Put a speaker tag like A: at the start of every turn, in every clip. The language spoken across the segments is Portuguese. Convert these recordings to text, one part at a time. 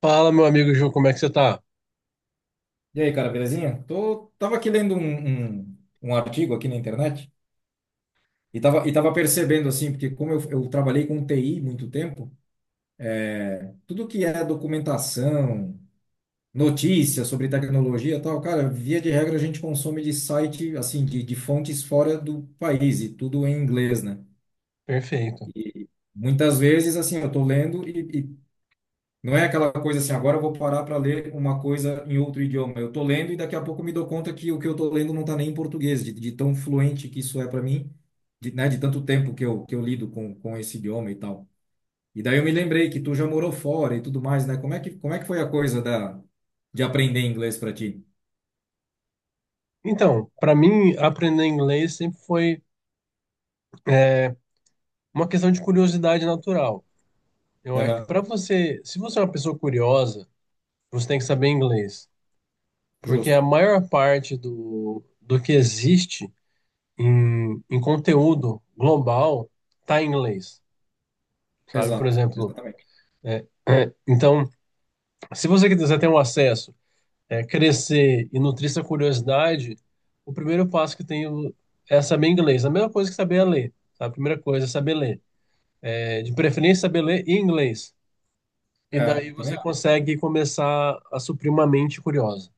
A: Fala, meu amigo Ju, como é que você tá?
B: E aí, cara, belezinha? Tô, tava aqui lendo um artigo aqui na internet e tava, percebendo, assim, porque como eu trabalhei com TI muito tempo, tudo que é documentação, notícia sobre tecnologia e tal, cara, via de regra a gente consome de site, assim, de fontes fora do país e tudo em inglês, né?
A: Perfeito.
B: E muitas vezes, assim, eu tô lendo não é aquela coisa assim, agora eu vou parar para ler uma coisa em outro idioma. Eu estou lendo e daqui a pouco eu me dou conta que o que eu estou lendo não está nem em português, de tão fluente que isso é para mim, de, né, de tanto tempo que eu lido com esse idioma e tal. E daí eu me lembrei que tu já morou fora e tudo mais, né? Como é que foi a coisa da, de aprender inglês para ti?
A: Então, para mim, aprender inglês sempre foi uma questão de curiosidade natural. Eu acho que para
B: Aham.
A: você, se você é uma pessoa curiosa, você tem que saber inglês. Porque a
B: Justo.
A: maior parte do que existe em conteúdo global está em inglês, sabe? Por
B: Exato,
A: exemplo,
B: exatamente.
A: então, se você quiser ter um acesso, crescer e nutrir essa curiosidade, o primeiro passo que tem é saber inglês. A mesma coisa que saber ler, tá? A primeira coisa é saber ler. É, de preferência, saber ler em inglês. E
B: É,
A: daí
B: também.
A: você
B: Acho.
A: consegue começar a suprir uma mente curiosa.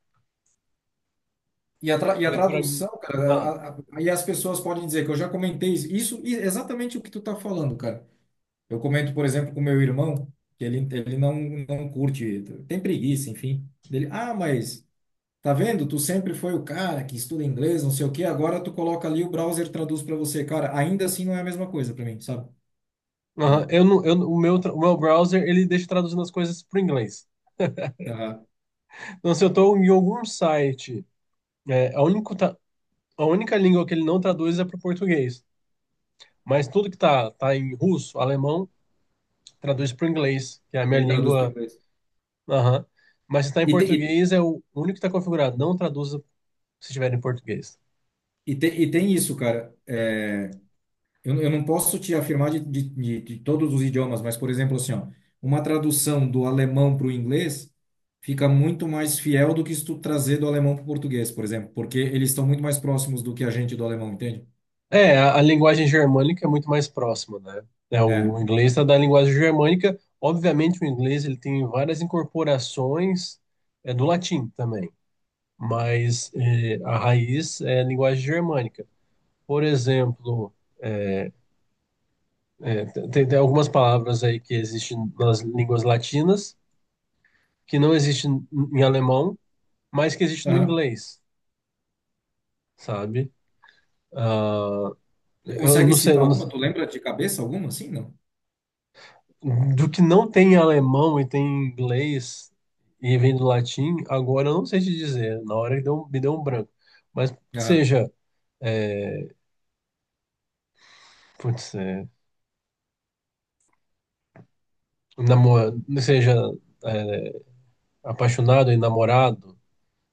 B: E e a
A: E aí, para mim.
B: tradução, cara,
A: ah,
B: e as pessoas podem dizer que eu já comentei isso e exatamente o que tu tá falando, cara. Eu comento, por exemplo, com meu irmão, que ele não não curte, tem preguiça, enfim. Dele, ah, mas tá vendo? Tu sempre foi o cara que estuda inglês, não sei o quê, agora tu coloca ali o browser traduz para você. Cara, ainda assim não é a mesma coisa para mim, sabe?
A: Aham.
B: Ah,
A: Eu não, eu, o meu browser, ele deixa traduzindo as coisas para inglês.
B: ah,
A: Então, se eu estou em algum site, a única língua que ele não traduz é para o português. Mas tudo que tá em russo, alemão, traduz para o inglês, que é a minha
B: ele traduz para
A: língua.
B: inglês.
A: Aham. Mas se está em
B: E, te, e,
A: português, é o único que está configurado. Não traduza se estiver em português.
B: e tem isso, cara. É, eu não posso te afirmar de todos os idiomas, mas, por exemplo, assim, ó, uma tradução do alemão para o inglês fica muito mais fiel do que se tu trazer do alemão para o português, por exemplo, porque eles estão muito mais próximos do que a gente do alemão, entende?
A: É, a linguagem germânica é muito mais próxima, né? É,
B: É.
A: o inglês está da linguagem germânica. Obviamente, o inglês ele tem várias incorporações do latim também. Mas a raiz é a linguagem germânica. Por exemplo, eh, eh, tem algumas palavras aí que existem nas línguas latinas, que não existem em alemão, mas que existem no
B: Aham.
A: inglês, sabe? Ah,
B: Tu
A: eu
B: consegue
A: não sei,
B: citar
A: eu não-
B: uma? Tu lembra de cabeça alguma? Sim, não?
A: do que não tem em alemão e tem em inglês e vem do latim, agora eu não sei te dizer, na hora que deu, me deu um branco. Mas que
B: Ah,
A: seja, eh, putz, namor, seja é, apaixonado e namorado,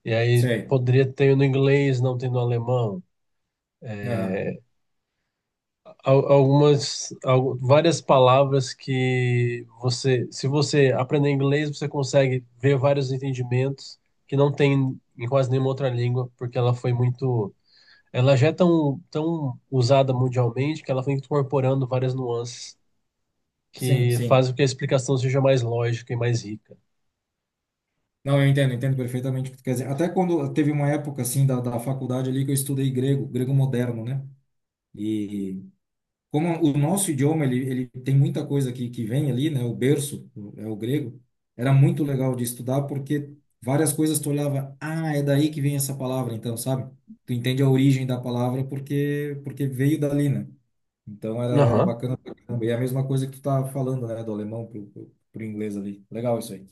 A: e aí
B: sei.
A: poderia ter no inglês, não tem no alemão.
B: Ah,
A: Várias palavras que você, se você aprender inglês, você consegue ver vários entendimentos que não tem em quase nenhuma outra língua, porque ela foi muito, ela já é tão, tão usada mundialmente que ela foi incorporando várias nuances
B: sim,
A: que
B: sim.
A: fazem com que a explicação seja mais lógica e mais rica.
B: Não, eu entendo, entendo perfeitamente o que tu quer dizer. Até quando teve uma época, assim, da faculdade ali que eu estudei grego, grego moderno, né? E como o nosso idioma ele tem muita coisa que vem ali, né? O berço é o grego. Era muito legal de estudar porque várias coisas tu olhava, ah, é daí que vem essa palavra, então, sabe? Tu entende a origem da palavra porque veio dali, né? Então era
A: Aham.
B: bacana pra caramba. E é a mesma coisa que tu tá falando, né? Do alemão pro inglês ali. Legal isso aí.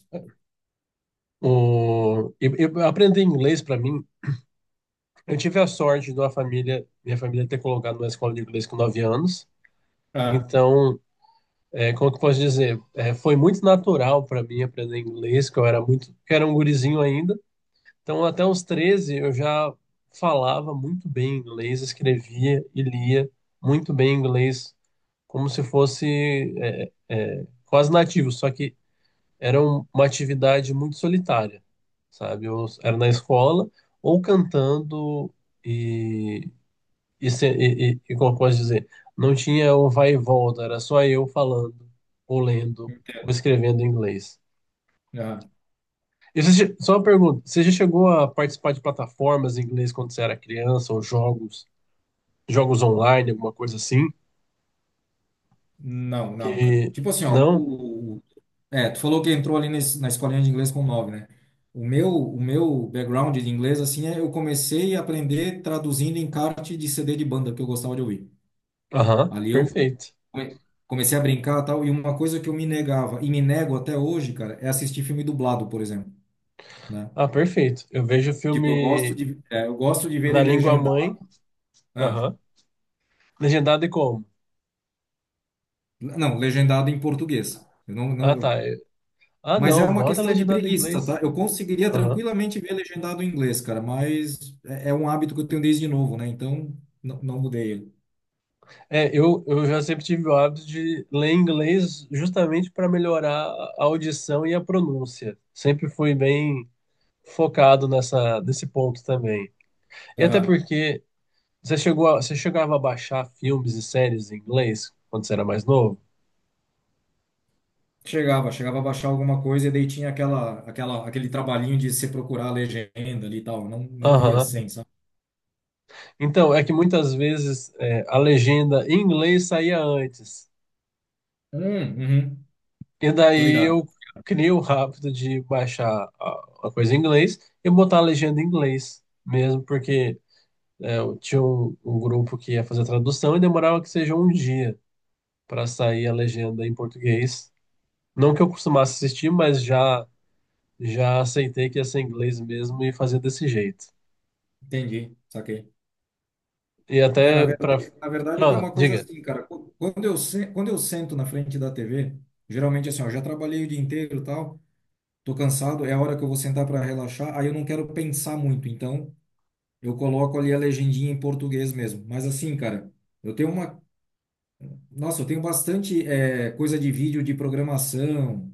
A: E, aprender inglês para mim. Eu tive a sorte de uma família, minha família ter colocado na escola de inglês com 9 anos.
B: Ah,
A: Então, como que eu posso dizer? É, foi muito natural para mim aprender inglês, que eu era muito, que eu era um gurizinho ainda. Então, até os 13 eu já falava muito bem inglês, escrevia e lia muito bem inglês, como se fosse quase nativo, só que era uma atividade muito solitária, sabe? Eu era na escola ou cantando e e como eu posso dizer, não tinha um vai e volta, era só eu falando, ou lendo, ou
B: entendo.
A: escrevendo em inglês.
B: Ah,
A: E você, só uma pergunta, você já chegou a participar de plataformas em inglês quando você era criança, ou jogos online, alguma coisa assim?
B: não, não, cara.
A: Que
B: Tipo assim, ó,
A: não?
B: o, é, tu falou que entrou ali na escolinha de inglês com nove, né? O meu background de inglês, assim, é eu comecei a aprender traduzindo encarte de CD de banda que eu gostava de ouvir.
A: Aham,
B: Ali eu
A: perfeito.
B: come- comecei a brincar e tal, e uma coisa que eu me negava, e me nego até hoje, cara, é assistir filme dublado, por exemplo, né?
A: Ah, perfeito. Eu vejo
B: Tipo, eu gosto
A: filme
B: de, é, eu gosto de ver
A: na
B: ele
A: língua
B: legendado.
A: mãe,
B: Ah,
A: aham. Legendado e como?
B: não, legendado em português. Eu não,
A: Ah,
B: não,
A: tá. Ah,
B: mas é
A: não,
B: uma
A: bota
B: questão de
A: legendado em
B: preguiça, tá?
A: inglês.
B: Eu conseguiria
A: Aham.
B: tranquilamente ver legendado em inglês, cara, mas é um hábito que eu tenho desde novo, né? Então, não, não mudei ele.
A: É, eu já sempre tive o hábito de ler inglês justamente para melhorar a audição e a pronúncia. Sempre fui bem focado nessa, nesse ponto também. E até
B: Aham.
A: porque você você chegava a baixar filmes e séries em inglês quando você era mais novo?
B: Chegava, chegava a baixar alguma coisa e daí tinha aquele trabalhinho de se procurar a legenda ali e tal. Não, não via
A: Aham.
B: sem, sabe?
A: Então, é que muitas vezes a legenda em inglês saía antes.
B: Uhum.
A: E
B: Tô
A: daí eu
B: ligado.
A: criei o hábito de baixar a coisa em inglês e botar a legenda em inglês mesmo, porque é, eu tinha um grupo que ia fazer a tradução e demorava que seja um dia para sair a legenda em português. Não que eu costumasse assistir, mas já aceitei que ia ser em inglês mesmo e fazer desse jeito.
B: Entendi, saquei.
A: E
B: É,
A: até para.
B: na verdade eu tenho
A: Ah,
B: uma coisa
A: diga.
B: assim, cara. Quando eu quando eu sento na frente da TV, geralmente assim, ó, eu já trabalhei o dia inteiro e tal. Tô cansado, é a hora que eu vou sentar para relaxar. Aí eu não quero pensar muito, então eu coloco ali a legendinha em português mesmo. Mas assim, cara, eu tenho uma nossa, eu tenho bastante coisa de vídeo de programação.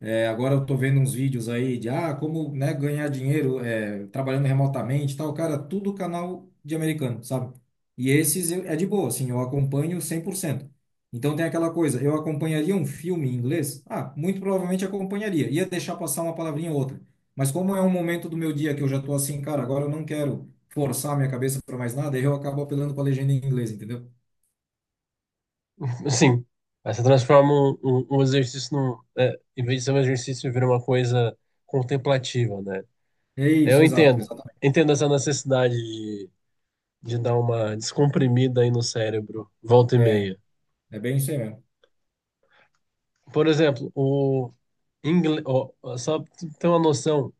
B: Agora eu tô vendo uns vídeos aí de como, né, ganhar dinheiro trabalhando remotamente e tal. Cara, tudo canal de americano, sabe? E esses é de boa, assim, eu acompanho 100%. Então tem aquela coisa, eu acompanharia um filme em inglês? Ah, muito provavelmente acompanharia. Ia deixar passar uma palavrinha ou outra. Mas como é um momento do meu dia que eu já tô assim, cara, agora eu não quero forçar minha cabeça para mais nada, aí eu acabo apelando para legenda em inglês, entendeu?
A: Assim, aí você transforma um exercício em vez de ser um exercício, vira uma coisa contemplativa, né?
B: É
A: Eu
B: isso, exato.
A: entendo.
B: Exatamente.
A: Entendo essa necessidade de dar uma descomprimida aí no cérebro, volta e
B: É,
A: meia.
B: é bem isso aí mesmo.
A: Por exemplo, ó, ó, só pra tu ter uma noção,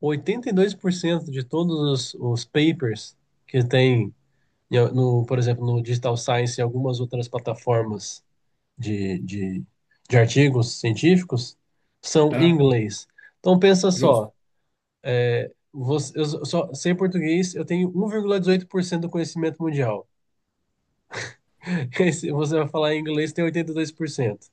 A: 82% de todos os papers que tem, em no, por exemplo, no Digital Science e algumas outras plataformas de, de, de artigos científicos, são em
B: Ah,
A: inglês. Então, pensa só,
B: justo.
A: você, eu só sei português, eu tenho 1,18% do conhecimento mundial. Aí, se você vai falar em inglês, tem 82%.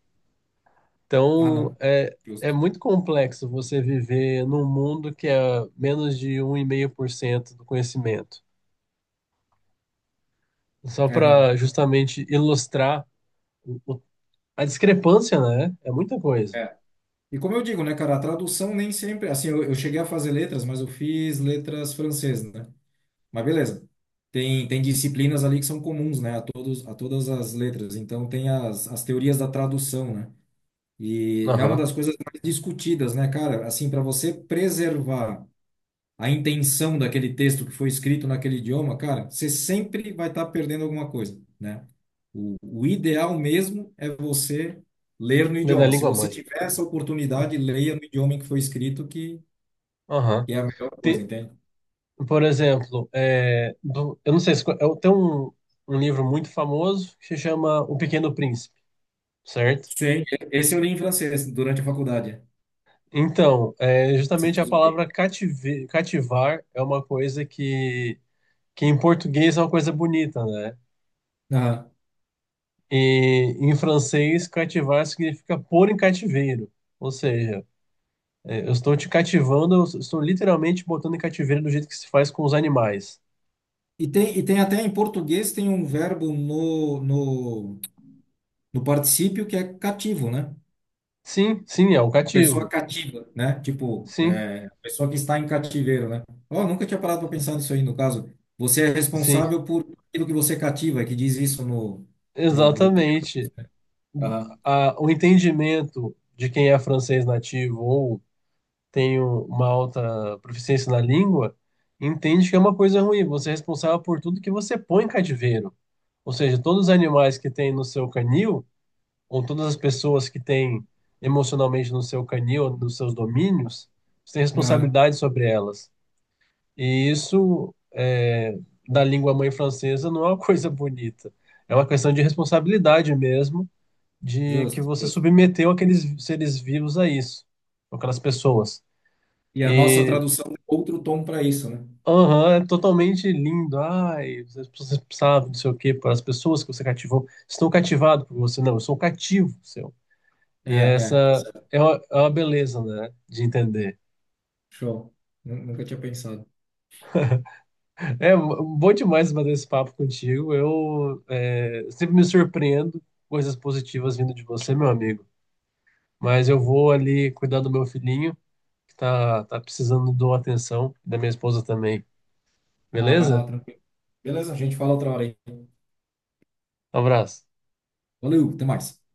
B: Ah,
A: Então,
B: não.
A: é
B: Justo.
A: muito complexo você viver num mundo que é menos de 1,5% do conhecimento. Só
B: É, não.
A: para justamente ilustrar o- o- a discrepância, né? É muita coisa.
B: É. E como eu digo, né, cara, a tradução nem sempre. Assim, eu cheguei a fazer letras, mas eu fiz letras francesas, né? Mas beleza. Tem disciplinas ali que são comuns, né, a todos, a todas as letras. Então, tem as teorias da tradução, né? E é uma
A: Aham.
B: das coisas mais discutidas, né, cara? Assim, para você preservar a intenção daquele texto que foi escrito naquele idioma, cara, você sempre vai estar perdendo alguma coisa, né? O ideal mesmo é você ler no
A: É na
B: idioma. Se
A: língua
B: você
A: mãe.
B: tiver essa oportunidade, leia no idioma em que foi escrito,
A: Aham.
B: que é a melhor coisa,
A: Tem-
B: entende?
A: por exemplo, é, do- eu não sei se... tem um livro muito famoso que se chama O Pequeno Príncipe, certo?
B: Sim. Esse eu li em francês durante a faculdade.
A: Então, é, justamente a
B: Saint-Exupéry.
A: palavra cativar é uma coisa que em português é uma coisa bonita, né?
B: Aham.
A: E em francês, cativar significa pôr em cativeiro. Ou seja, eu estou te cativando, eu estou literalmente botando em cativeiro do jeito que se faz com os animais.
B: E tem até em português, tem um verbo no no particípio que é cativo, né?
A: Sim, sim, é o
B: A pessoa
A: cativo.
B: cativa, né? Tipo,
A: Sim,
B: é, a pessoa que está em cativeiro, né? Ó, nunca tinha parado para pensar nisso aí, no caso. Você é
A: sim,
B: responsável por aquilo que você cativa, que diz isso no...
A: exatamente.
B: Aham,
A: O entendimento de quem é francês nativo ou tem uma alta proficiência na língua, entende que é uma coisa ruim. Você é responsável por tudo que você põe em cativeiro. Ou seja, todos os animais que tem no seu canil, ou todas as pessoas que têm emocionalmente no seu canil, ou nos seus domínios, você tem
B: aham,
A: responsabilidade sobre elas. E isso, da língua mãe francesa, não é uma coisa bonita. É uma questão de responsabilidade mesmo, de que
B: justo,
A: você
B: justo.
A: submeteu aqueles seres vivos a isso, aquelas pessoas.
B: E a nossa
A: E
B: tradução é outro tom para isso, né?
A: aham, é totalmente lindo. Ai, as pessoas precisavam, não sei o quê, para as pessoas que você cativou. Estão cativadas por você. Não, eu sou um cativo seu.
B: É,
A: E
B: é, tá
A: essa
B: certo.
A: é uma beleza, né? De entender.
B: Show. Nunca tinha pensado.
A: É bom demais bater esse papo contigo. Eu sempre me surpreendo com coisas positivas vindo de você, meu amigo. Mas eu vou ali cuidar do meu filhinho, que tá precisando de uma atenção, e da minha esposa também.
B: Ah, vai
A: Beleza?
B: lá, tranquilo. Beleza, a gente fala outra hora aí.
A: Um abraço.
B: Valeu, até mais.